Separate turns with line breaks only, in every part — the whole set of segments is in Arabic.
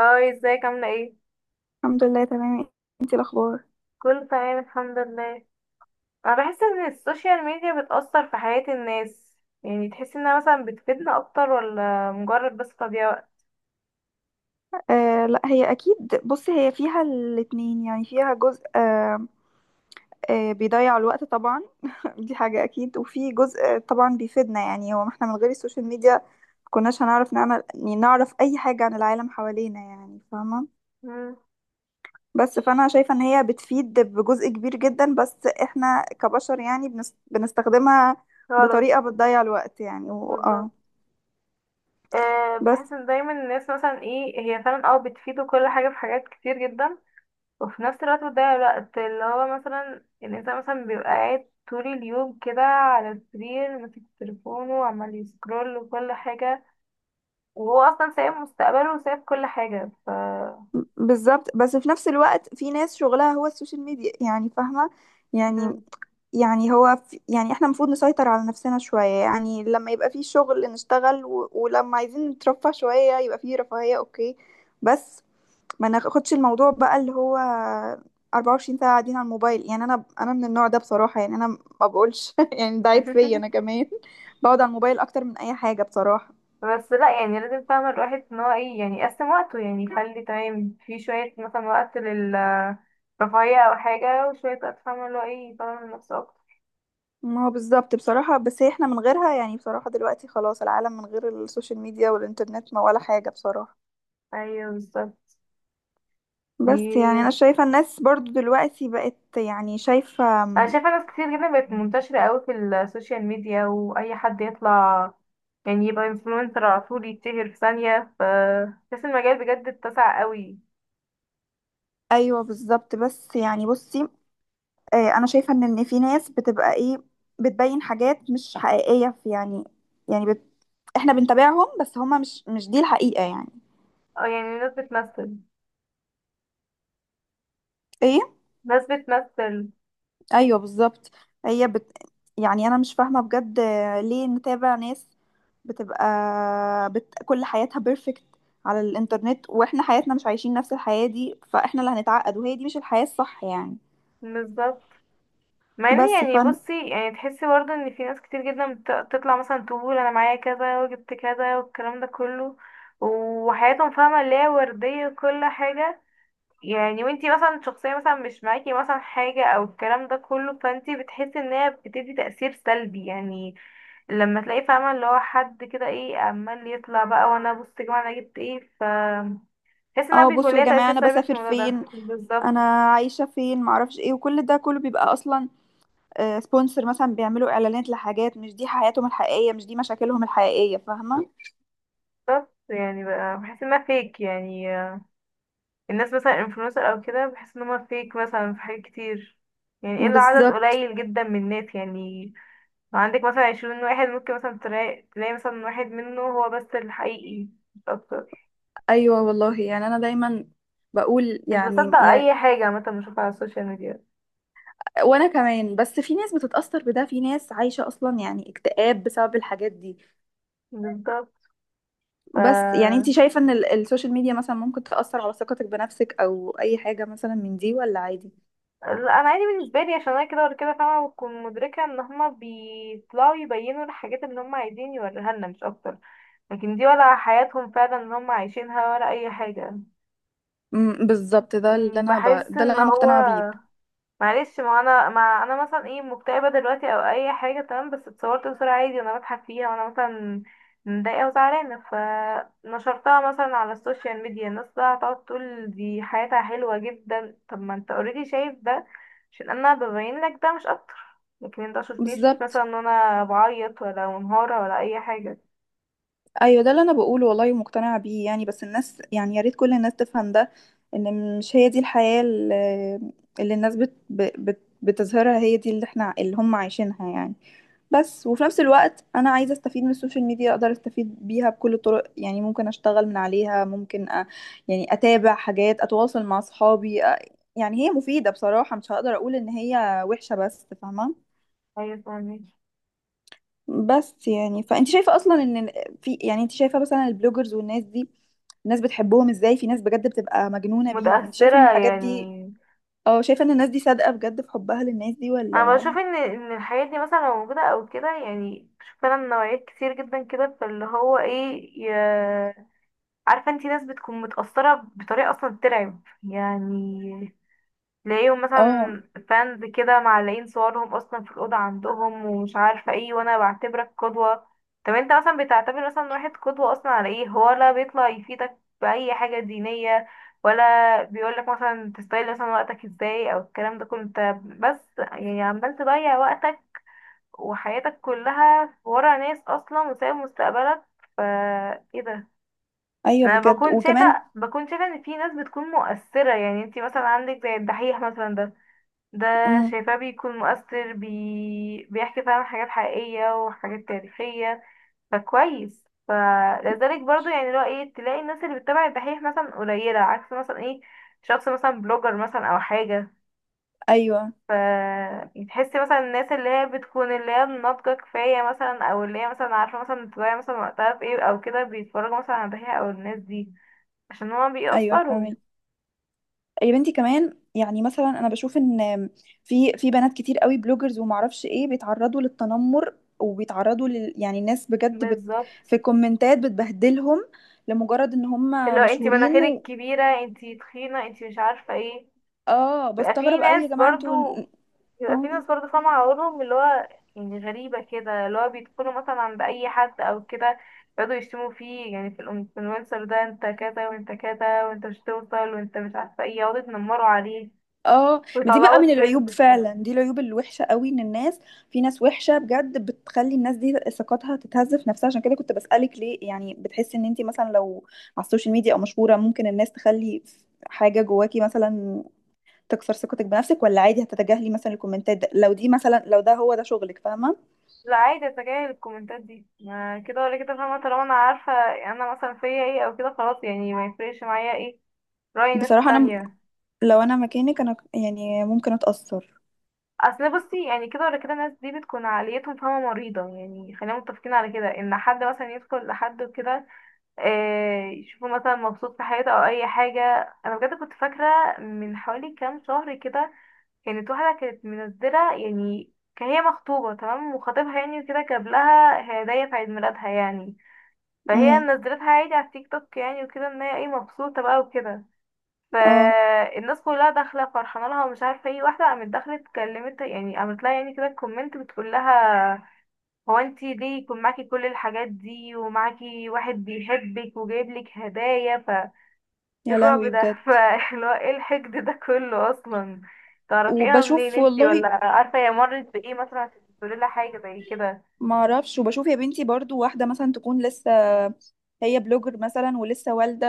هاي، ازيك عاملة ايه؟
الحمد لله تمام. انتي الاخبار؟
كله تمام الحمد لله. انا بحس ان السوشيال ميديا بتأثر في حياة الناس، يعني تحس انها مثلا بتفيدنا اكتر ولا مجرد بس تضييع وقت.
آه، لا، هي اكيد. بصي، هي فيها الاتنين، يعني فيها جزء. آه، بيضيع الوقت طبعا. دي حاجة اكيد، وفي جزء طبعا بيفيدنا، يعني هو ما احنا من غير السوشيال ميديا كناش هنعرف نعمل، يعني نعرف اي حاجة عن العالم حوالينا، يعني فاهمة.
مم،
بس فانا شايفة ان هي بتفيد بجزء كبير جدا، بس احنا كبشر يعني بنستخدمها
غلط.
بطريقة بتضيع الوقت، يعني
بالظبط. أه،
بس.
بحس ان دايما الناس مثلا ايه هي فعلا بتفيد كل حاجة في حاجات كتير جدا، وفي نفس الوقت بتضيع الوقت اللي هو مثلا الانسان مثلا بيبقى قاعد طول اليوم كده على السرير ماسك تليفونه وعمال يسكرول وكل حاجة، وهو اصلا سايب مستقبله وسايب كل حاجة. ف
بالظبط. بس في نفس الوقت في ناس شغلها هو السوشيال ميديا، يعني فاهمة. يعني
مم.
يعني هو في، يعني احنا المفروض نسيطر على نفسنا شوية، يعني لما يبقى في شغل نشتغل، و... ولما عايزين نترفه شوية يبقى في رفاهية اوكي. بس ما ناخدش الموضوع بقى اللي هو 24 ساعة قاعدين على الموبايل، يعني انا من النوع ده بصراحة، يعني انا ما بقولش يعني ده عيب فيا انا كمان. بقعد على الموبايل اكتر من اي حاجة بصراحة.
بس لا، يعني لازم فاهمة الواحد ان هو ايه، يعني يقسم وقته، يعني يخلي تمام في شوية مثلا وقت للرفاهية او حاجة وشوية وقت فاهمة اللي هو ايه يطور من نفسه اكتر.
ما هو بالظبط بصراحة، بس احنا من غيرها يعني بصراحة دلوقتي خلاص العالم من غير السوشيال ميديا والإنترنت ما ولا حاجة بصراحة.
ايوه بالظبط.
بس يعني
ي-
أنا شايفة الناس برضو دلوقتي بقت، يعني شايفة
انا شايفة ناس كتير جدا بقت منتشرة اوي في السوشيال ميديا، واي حد يطلع يعني يبقى انفلونسر على طول، يتشهر في ثانية. بس المجال بجد اتسع اوي.
أيوة بالظبط. بس يعني بصي، أنا شايفة إن في ناس بتبقى إيه، بتبين حاجات مش حقيقية في يعني، يعني بت... احنا بنتابعهم، بس هما مش دي الحقيقة يعني.
اه، يعني ناس بتمثل،
ايه،
ناس بتمثل.
ايوه بالظبط. هي بت... يعني انا مش فاهمه بجد ليه نتابع ناس بتبقى كل حياتها بيرفكت على الانترنت، واحنا حياتنا مش عايشين نفس الحياه دي، فاحنا اللي هنتعقد، وهي دي مش الحياه الصح يعني.
بالظبط. مع ان
بس
يعني
فن
بصي، يعني تحسي برضه ان في ناس كتير جدا بتطلع مثلا تقول انا معايا كذا وجبت كذا والكلام ده كله، وحياتهم فاهمة اللي هي وردية وكل حاجة. يعني وانتي مثلا شخصية مثلا مش معاكي مثلا حاجة او الكلام ده كله، فانتي بتحسي ان هي بتدي تأثير سلبي يعني. لما تلاقي فاهمة اللي هو حد كده ايه عمال يطلع بقى، وانا بص يا جماعة انا جبت ايه. بحس انها
اه،
بيكون
بصوا
ليها
يا جماعه،
تأثير
انا
سلبي في
بسافر
الموضوع ده
فين،
بالظبط.
انا عايشه فين، معرفش ايه، وكل ده كله بيبقى اصلا سبونسر، مثلا بيعملوا اعلانات لحاجات مش دي حياتهم الحقيقيه، مش دي مشاكلهم الحقيقيه، فاهمه.
بس يعني بقى بحس انها فيك، يعني الناس مثلا انفلونسر او كده بحس ان هما فيك مثلا في حاجات كتير، يعني الا عدد
بالظبط.
قليل جدا من الناس يعني. لو عندك مثلا 20 واحد، ممكن مثلا تلاقي مثلا واحد منه هو بس الحقيقي، مش اكتر.
ايوه والله، يعني انا دايما بقول
مش
يعني.
بصدق اي حاجة مثلا بشوفها على السوشيال ميديا.
وانا كمان، بس في ناس بتتأثر بده، في ناس عايشة اصلا يعني اكتئاب بسبب الحاجات دي.
بالظبط.
بس يعني
ف
انت شايفة ان السوشيال ميديا مثلا ممكن تأثر على ثقتك بنفسك او اي حاجة مثلا من دي، ولا عادي؟
لا، انا عادي بالنسبة لي عشان انا كده ولا كده فاهمة، بكون مدركة ان هما بيطلعوا يبينوا الحاجات اللي هما عايزين يوريها لنا مش اكتر. لكن دي ولا حياتهم فعلا اللي هما عايشينها ولا اي حاجة.
بالظبط،
بحس
ده اللي
ان
انا
هو.
مقتنعة بيه.
معلش، ما انا مثلا ايه مكتئبه دلوقتي او اي حاجه، تمام، بس اتصورت بصوره عادي وانا بضحك فيها وانا مثلا متضايقه وزعلانه، فنشرتها مثلا على السوشيال ميديا، الناس بقى هتقعد تقول دي حياتها حلوه جدا. طب ما انت اوريدي شايف ده، عشان انا ببين لك ده مش اكتر. لكن انت مشفتيش مثلا
بالظبط.
ان انا بعيط ولا منهاره ولا اي حاجه.
ايوه ده اللي انا بقوله والله ومقتنعة بيه يعني، بس الناس يعني يا ريت كل الناس تفهم ده، ان مش هي دي الحياة اللي الناس بتظهرها، هي دي اللي احنا اللي هم عايشينها يعني. بس وفي نفس الوقت انا عايزه استفيد من السوشيال ميديا، اقدر استفيد بيها بكل الطرق، يعني ممكن اشتغل من عليها، ممكن يعني اتابع حاجات، اتواصل مع اصحابي، يعني هي مفيده بصراحه، مش هقدر اقول ان هي وحشه، بس فاهمه.
ايوه فاهمك.
بس يعني فانت شايفه اصلا ان في، يعني انت شايفه مثلا البلوجرز والناس دي الناس بتحبهم ازاي، في ناس بجد بتبقى مجنونه بيهم، انت شايفه ان
متاثره
الحاجات دي،
يعني.
اه، شايفه ان الناس دي صادقه بجد في حبها للناس دي
انا
ولا؟
بشوف ان الحاجات دي مثلا لو موجوده او كده، يعني بشوف فعلا نوعيات كتير جدا كده، فاللي هو ايه عارفه انتي، ناس بتكون متاثره بطريقه اصلا ترعب يعني. تلاقيهم
اه.
مثلا فانز كده معلقين صورهم اصلا في الاوضه عندهم ومش عارفه ايه، وانا بعتبرك قدوه. طب انت مثلا بتعتبر مثلا واحد قدوه اصلا على ايه؟ هو لا بيطلع يفيدك باي حاجه دينيه، ولا بيقولك مثلا تستغل مثلا وقتك ازاي او الكلام ده كله، انت بس يعني عمال تضيع وقتك، وحياتك كلها ورا ناس اصلا وسايب مستقبلك. فا ايه ده؟
ايوه
انا
بجد
بكون
وكمان.
شايفه بكون شايفه ان في ناس بتكون مؤثره، يعني انتي مثلا عندك زي الدحيح مثلا ده، ده
امم.
شايفاه بيكون مؤثر، بيحكي فعلا حاجات حقيقية وحاجات تاريخية. فكويس، فلذلك برضو يعني اللي هو ايه تلاقي الناس اللي بتتابع الدحيح مثلا قليلة عكس مثلا ايه، شخص مثلا بلوجر مثلا او حاجة.
ايوه.
ف تحسي مثلا الناس اللي هي بتكون اللي هي ناضجة كفاية مثلا، او اللي هي مثلا عارفة مثلا تضيع مثلا وقتها في ايه او كده، بيتفرجوا مثلا على الدحيح او الناس دي عشان هما
ايوه
بيأثروا.
فاهمك. يا بنتي كمان، يعني مثلا انا بشوف ان في بنات كتير قوي بلوجرز ومعرفش ايه بيتعرضوا للتنمر وبيتعرضوا لل، يعني الناس بجد بت،
بالظبط.
في الكومنتات بتبهدلهم لمجرد ان
اللي
هم
هو انتي
مشهورين
مناخيرك كبيرة، انتي تخينة، انتي مش عارفة ايه.
اه،
بيبقى في
بستغرب قوي يا
ناس
جماعه
برضو
انتوا.
بيبقى في
اه.
ناس برضو فاهمة عقولهم اللي هو، يعني غريبة كده، اللي هو بيدخلوا مثلا عند أي حد أو كده، يقعدوا يشتموا فيه يعني في الانفلونسر ده: انت كذا وانت كذا وانت مش توصل وانت مش عارفة ايه، يقعدوا يتنمروا عليه،
اه، ما دي بقى
ويطلعوا
من
ترند.
العيوب فعلا، دي العيوب الوحشه قوي، ان الناس في ناس وحشه بجد بتخلي الناس دي ثقتها تتهز في نفسها، عشان كده كنت بسألك ليه، يعني بتحسي ان انت مثلا لو على السوشيال ميديا او مشهوره، ممكن الناس تخلي حاجه جواكي مثلا تكسر ثقتك بنفسك، ولا عادي هتتجاهلي مثلا الكومنتات ده، لو دي مثلا لو ده هو ده شغلك فاهمه؟
لا عادي، اتجاهل الكومنتات دي، ما كده ولا كده فاهمة، طالما انا عارفة انا مثلا فيا ايه او كده، خلاص يعني، ما يفرقش معايا ايه رأي الناس
بصراحه
التانية.
لو انا مكانك انا يعني ممكن اتأثر.
اصل بصي يعني، كده ولا كده الناس دي بتكون عقليتهم فاهمة مريضة، يعني خلينا متفقين على كده، ان حد مثلا يدخل لحد كده، يشوفه مثلا مبسوط في حياته او اي حاجة. انا بجد كنت فاكرة من حوالي كام شهر كده، كانت واحدة كانت منزلة، يعني كان هي مخطوبة تمام، وخطيبها يعني كده جاب لها هدايا في عيد ميلادها يعني. فهي
امم.
نزلتها عادي على التيك توك، يعني وكده ان هي ايه مبسوطة بقى وكده.
اه.
فالناس كلها داخله فرحانه لها ومش عارفه ايه، واحده قامت داخله اتكلمت يعني، قامت لها يعني كده كومنت بتقول لها: هو انتي ليه يكون معاكي كل الحاجات دي ومعاكي واحد بيحبك وجايب لك هدايا؟ ايه
يا
الرعب
لهوي
ده؟
بجد.
فاللي هو ايه الحقد ده كله اصلا؟ تعرفيها منين
وبشوف
انتي،
والله.
ولا عارفه هي مرت بايه مثلا عشان تقولي لها حاجه زي كده؟
ما اعرفش، وبشوف يا بنتي برضو واحده مثلا تكون لسه هي بلوجر مثلا ولسه والده،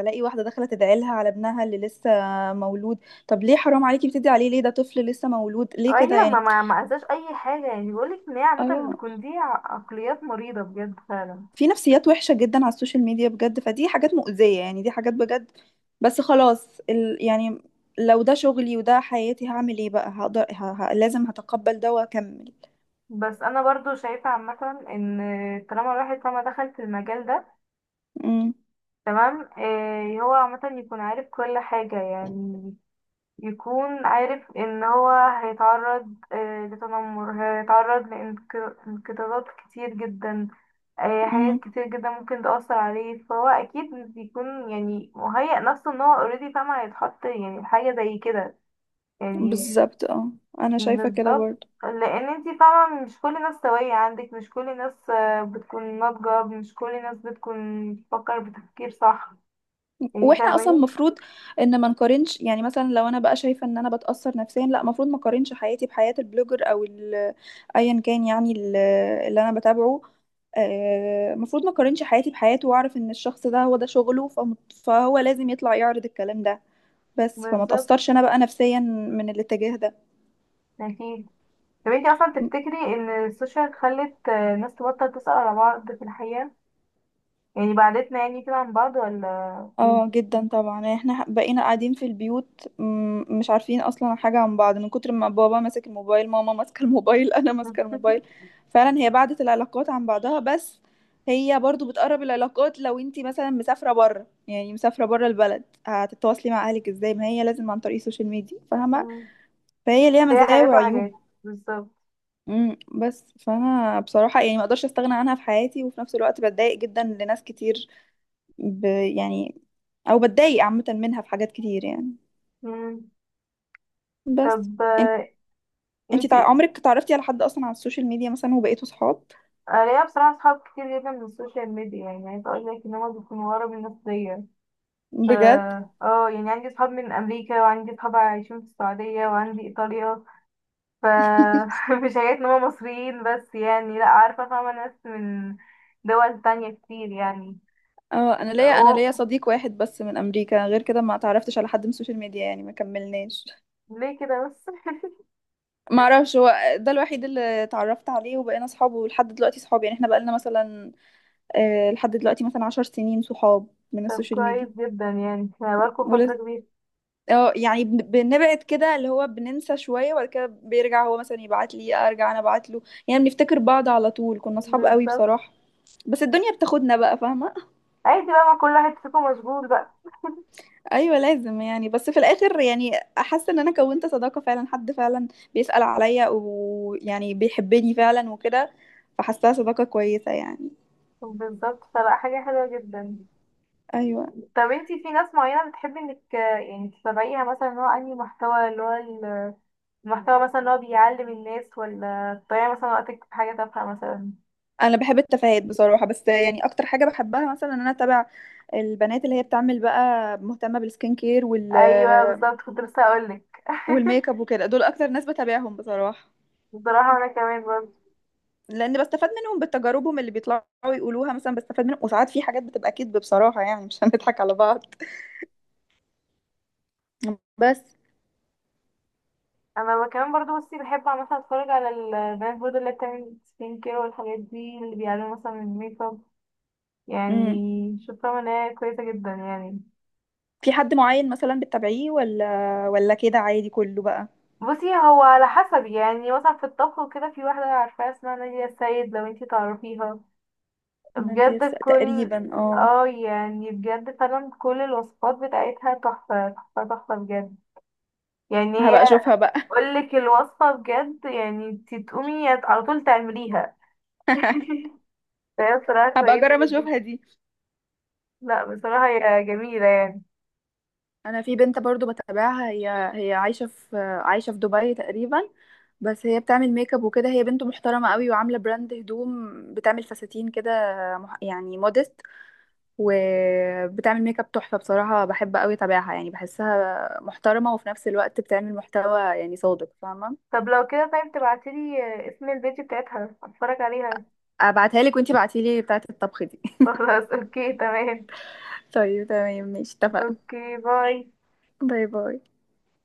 الاقي واحده داخله تدعي لها على ابنها اللي لسه مولود. طب ليه، حرام عليكي، بتدعي عليه ليه، ده طفل لسه مولود، ليه كده
ايوه، ما
يعني.
ما ما انساش اي حاجه، يعني بقولك ان هي عامه
اه،
بتكون دي عقليات مريضه بجد فعلا.
في نفسيات وحشه جدا على السوشيال ميديا بجد، فدي حاجات مؤذيه يعني، دي حاجات بجد. بس خلاص يعني لو ده شغلي وده حياتي هعمل ايه بقى، هقدر لازم هتقبل ده واكمل.
بس انا برضو شايفة عامة ان، طالما الواحد طالما دخل في المجال ده،
امم.
تمام. إيه، هو عامة يكون عارف كل حاجة يعني، يكون عارف ان هو هيتعرض إيه لتنمر، هيتعرض لانقطاعات كتير جدا، إيه حاجات
امم
كتير جدا ممكن تأثر عليه، فهو اكيد بيكون يعني مهيأ نفسه ان هو اوريدي فاهم هيتحط يعني في حاجة زي كده. يعني.
بالظبط. اه، انا شايفه كده
بالظبط.
برضو.
لان انتي فاهمة مش كل الناس سوية عندك مش كل الناس آه، بتكون ناضجة مش كل الناس بتكون بتفكر بتفكير صح يعني
واحنا اصلا
فاهماني
المفروض ان ما نقارنش، يعني مثلا لو انا بقى شايفه ان انا بتاثر نفسيا، لا المفروض ما اقارنش حياتي بحياه البلوجر او ايا كان يعني اللي انا بتابعه، المفروض ما اقارنش حياتي بحياته واعرف ان الشخص ده هو ده شغله فهو لازم يطلع يعرض الكلام ده، بس فما
بالظبط
تاثرش انا بقى نفسيا من الاتجاه ده.
اكيد. طب انتي اصلا تفتكري ان السوشيال خلت ناس تبطل تسأل على بعض في الحقيقة؟ يعني بعدتنا يعني كده عن بعض، ولا؟
اه
ايه.
جدا طبعا، يعني احنا بقينا قاعدين في البيوت مش عارفين اصلا حاجة عن بعض من كتر ما بابا ماسك الموبايل، ماما ماسكة الموبايل، انا ماسكة الموبايل. فعلا هي بعدت العلاقات عن بعضها، بس هي برضو بتقرب العلاقات، لو انتي مثلا مسافرة بره، يعني مسافرة بره البلد هتتواصلي مع اهلك ازاي، ما هي لازم عن طريق السوشيال ميديا، فاهمة.
مم.
فهي ليها
فيها
مزايا
حاجات
وعيوب.
وحاجات بالظبط.
امم، بس فانا بصراحة يعني ما اقدرش استغنى عنها في حياتي، وفي نفس الوقت بتضايق جدا لناس كتير ب، يعني، او بتضايق عامه منها في حاجات كتير يعني.
مم.
بس
طب،
انت
انتي.
عمرك تعرفتي على حد اصلا على السوشيال ميديا مثلا وبقيتوا صحاب؟
أنا ليا بصراحة صحاب كتير جدا من السوشيال ميديا، يعني عايزة اقول لك ان هما بيكونوا ورا من الناس دي.
بجد.
اه، يعني عندي صحاب من امريكا وعندي صحاب عايشين في السعوديه وعندي ايطاليا. ف مش حكايه ان هم مصريين بس، يعني لا عارفه فاهمه ناس من دول تانية كتير يعني.
اه، انا ليا انا
و...
ليا صديق واحد بس من امريكا، غير كده ما تعرفتش على حد من السوشيال ميديا يعني، ما كملناش.
ليه كده بس؟
ما اعرفش، هو ده الوحيد اللي اتعرفت عليه وبقينا صحاب، ولحد دلوقتي صحاب، يعني احنا بقالنا مثلا لحد دلوقتي مثلا 10 سنين صحاب من
طب
السوشيال
كويس جدا، يعني هقابلكوا فتره
ميديا.
كبيره.
اه يعني بنبعد كده اللي هو بننسى شوية، وبعد كده بيرجع هو مثلا يبعت لي، ارجع انا ابعت له، يعني بنفتكر بعض على طول، كنا اصحاب قوي
بالظبط.
بصراحة، بس الدنيا بتاخدنا بقى فاهمة.
عادي بقى، ما كل واحد فيكم مشغول بقى.
ايوه لازم يعني، بس في الاخر يعني حاسة ان انا كونت صداقة فعلا، حد فعلا بيسأل عليا ويعني بيحبني فعلا وكده، فحاساها صداقة كويسة يعني.
بالظبط، فلا حاجه حلوه جدا.
ايوه،
طب انتي في ناس معينة بتحبي انك يعني تتابعيها، مثلا ان هو انهي محتوى اللي هو المحتوى مثلا اللي هو بيعلم الناس، ولا بتضيعي مثلا وقتك في حاجة تافهة مثلا؟
انا بحب التفاهات بصراحة، بس يعني اكتر حاجة بحبها مثلا ان انا اتابع البنات اللي هي بتعمل بقى مهتمة بالسكين كير وال،
ايوه بالظبط، كنت لسه اقولك.
والميك اب وكده، دول اكتر ناس بتابعهم بصراحة،
بصراحة انا كمان برضه.
لان بستفاد منهم بتجاربهم اللي بيطلعوا يقولوها مثلا، بستفاد منهم، وساعات في حاجات بتبقى كذب بصراحة يعني، مش هنضحك على بعض. بس.
انا كمان برضه بصي، بحب مثلا اتفرج على البنات برضه اللي بتعمل سكين كير والحاجات دي، اللي بيعلموا مثلا الميك اب
امم.
يعني. شايفة ان هي كويسة جدا يعني.
في حد معين مثلا بتتابعيه، ولا ولا كده عادي كله بقى؟
بصي، هو على حسب، يعني مثلا في الطبخ وكده في واحدة عارفاها اسمها نادية السيد، لو انتي تعرفيها. بجد كل.
تقريبا اه.
اه، يعني بجد فعلا كل الوصفات بتاعتها تحفة تحفة تحفة بجد. يعني هي
هبقى اشوفها بقى.
اقولك الوصفة بجد، يعني انتي تقومي على طول تعمليها. فهي بصراحة
هبقى
كويسة
اجرب
جدا.
اشوفها دي.
لا بصراحة هي جميلة يعني.
انا في بنت برضو بتابعها، هي عايشه في دبي تقريبا، بس هي بتعمل ميك اب وكده، هي بنت محترمه قوي وعامله براند هدوم، بتعمل فساتين كده يعني مودست، وبتعمل ميك اب تحفه بصراحه، بحب قوي اتابعها، يعني بحسها محترمه وفي نفس الوقت بتعمل محتوى يعني صادق فاهمه.
طب لو كده، طيب تبعتيلي اسم البيت بتاعتها اتفرج عليها.
ابعتها لك وانتي بعتيلي بتاعه الطبخ دي.
خلاص اوكي تمام.
طيب تمام ماشي اتفقنا.
اوكي باي.
باي باي.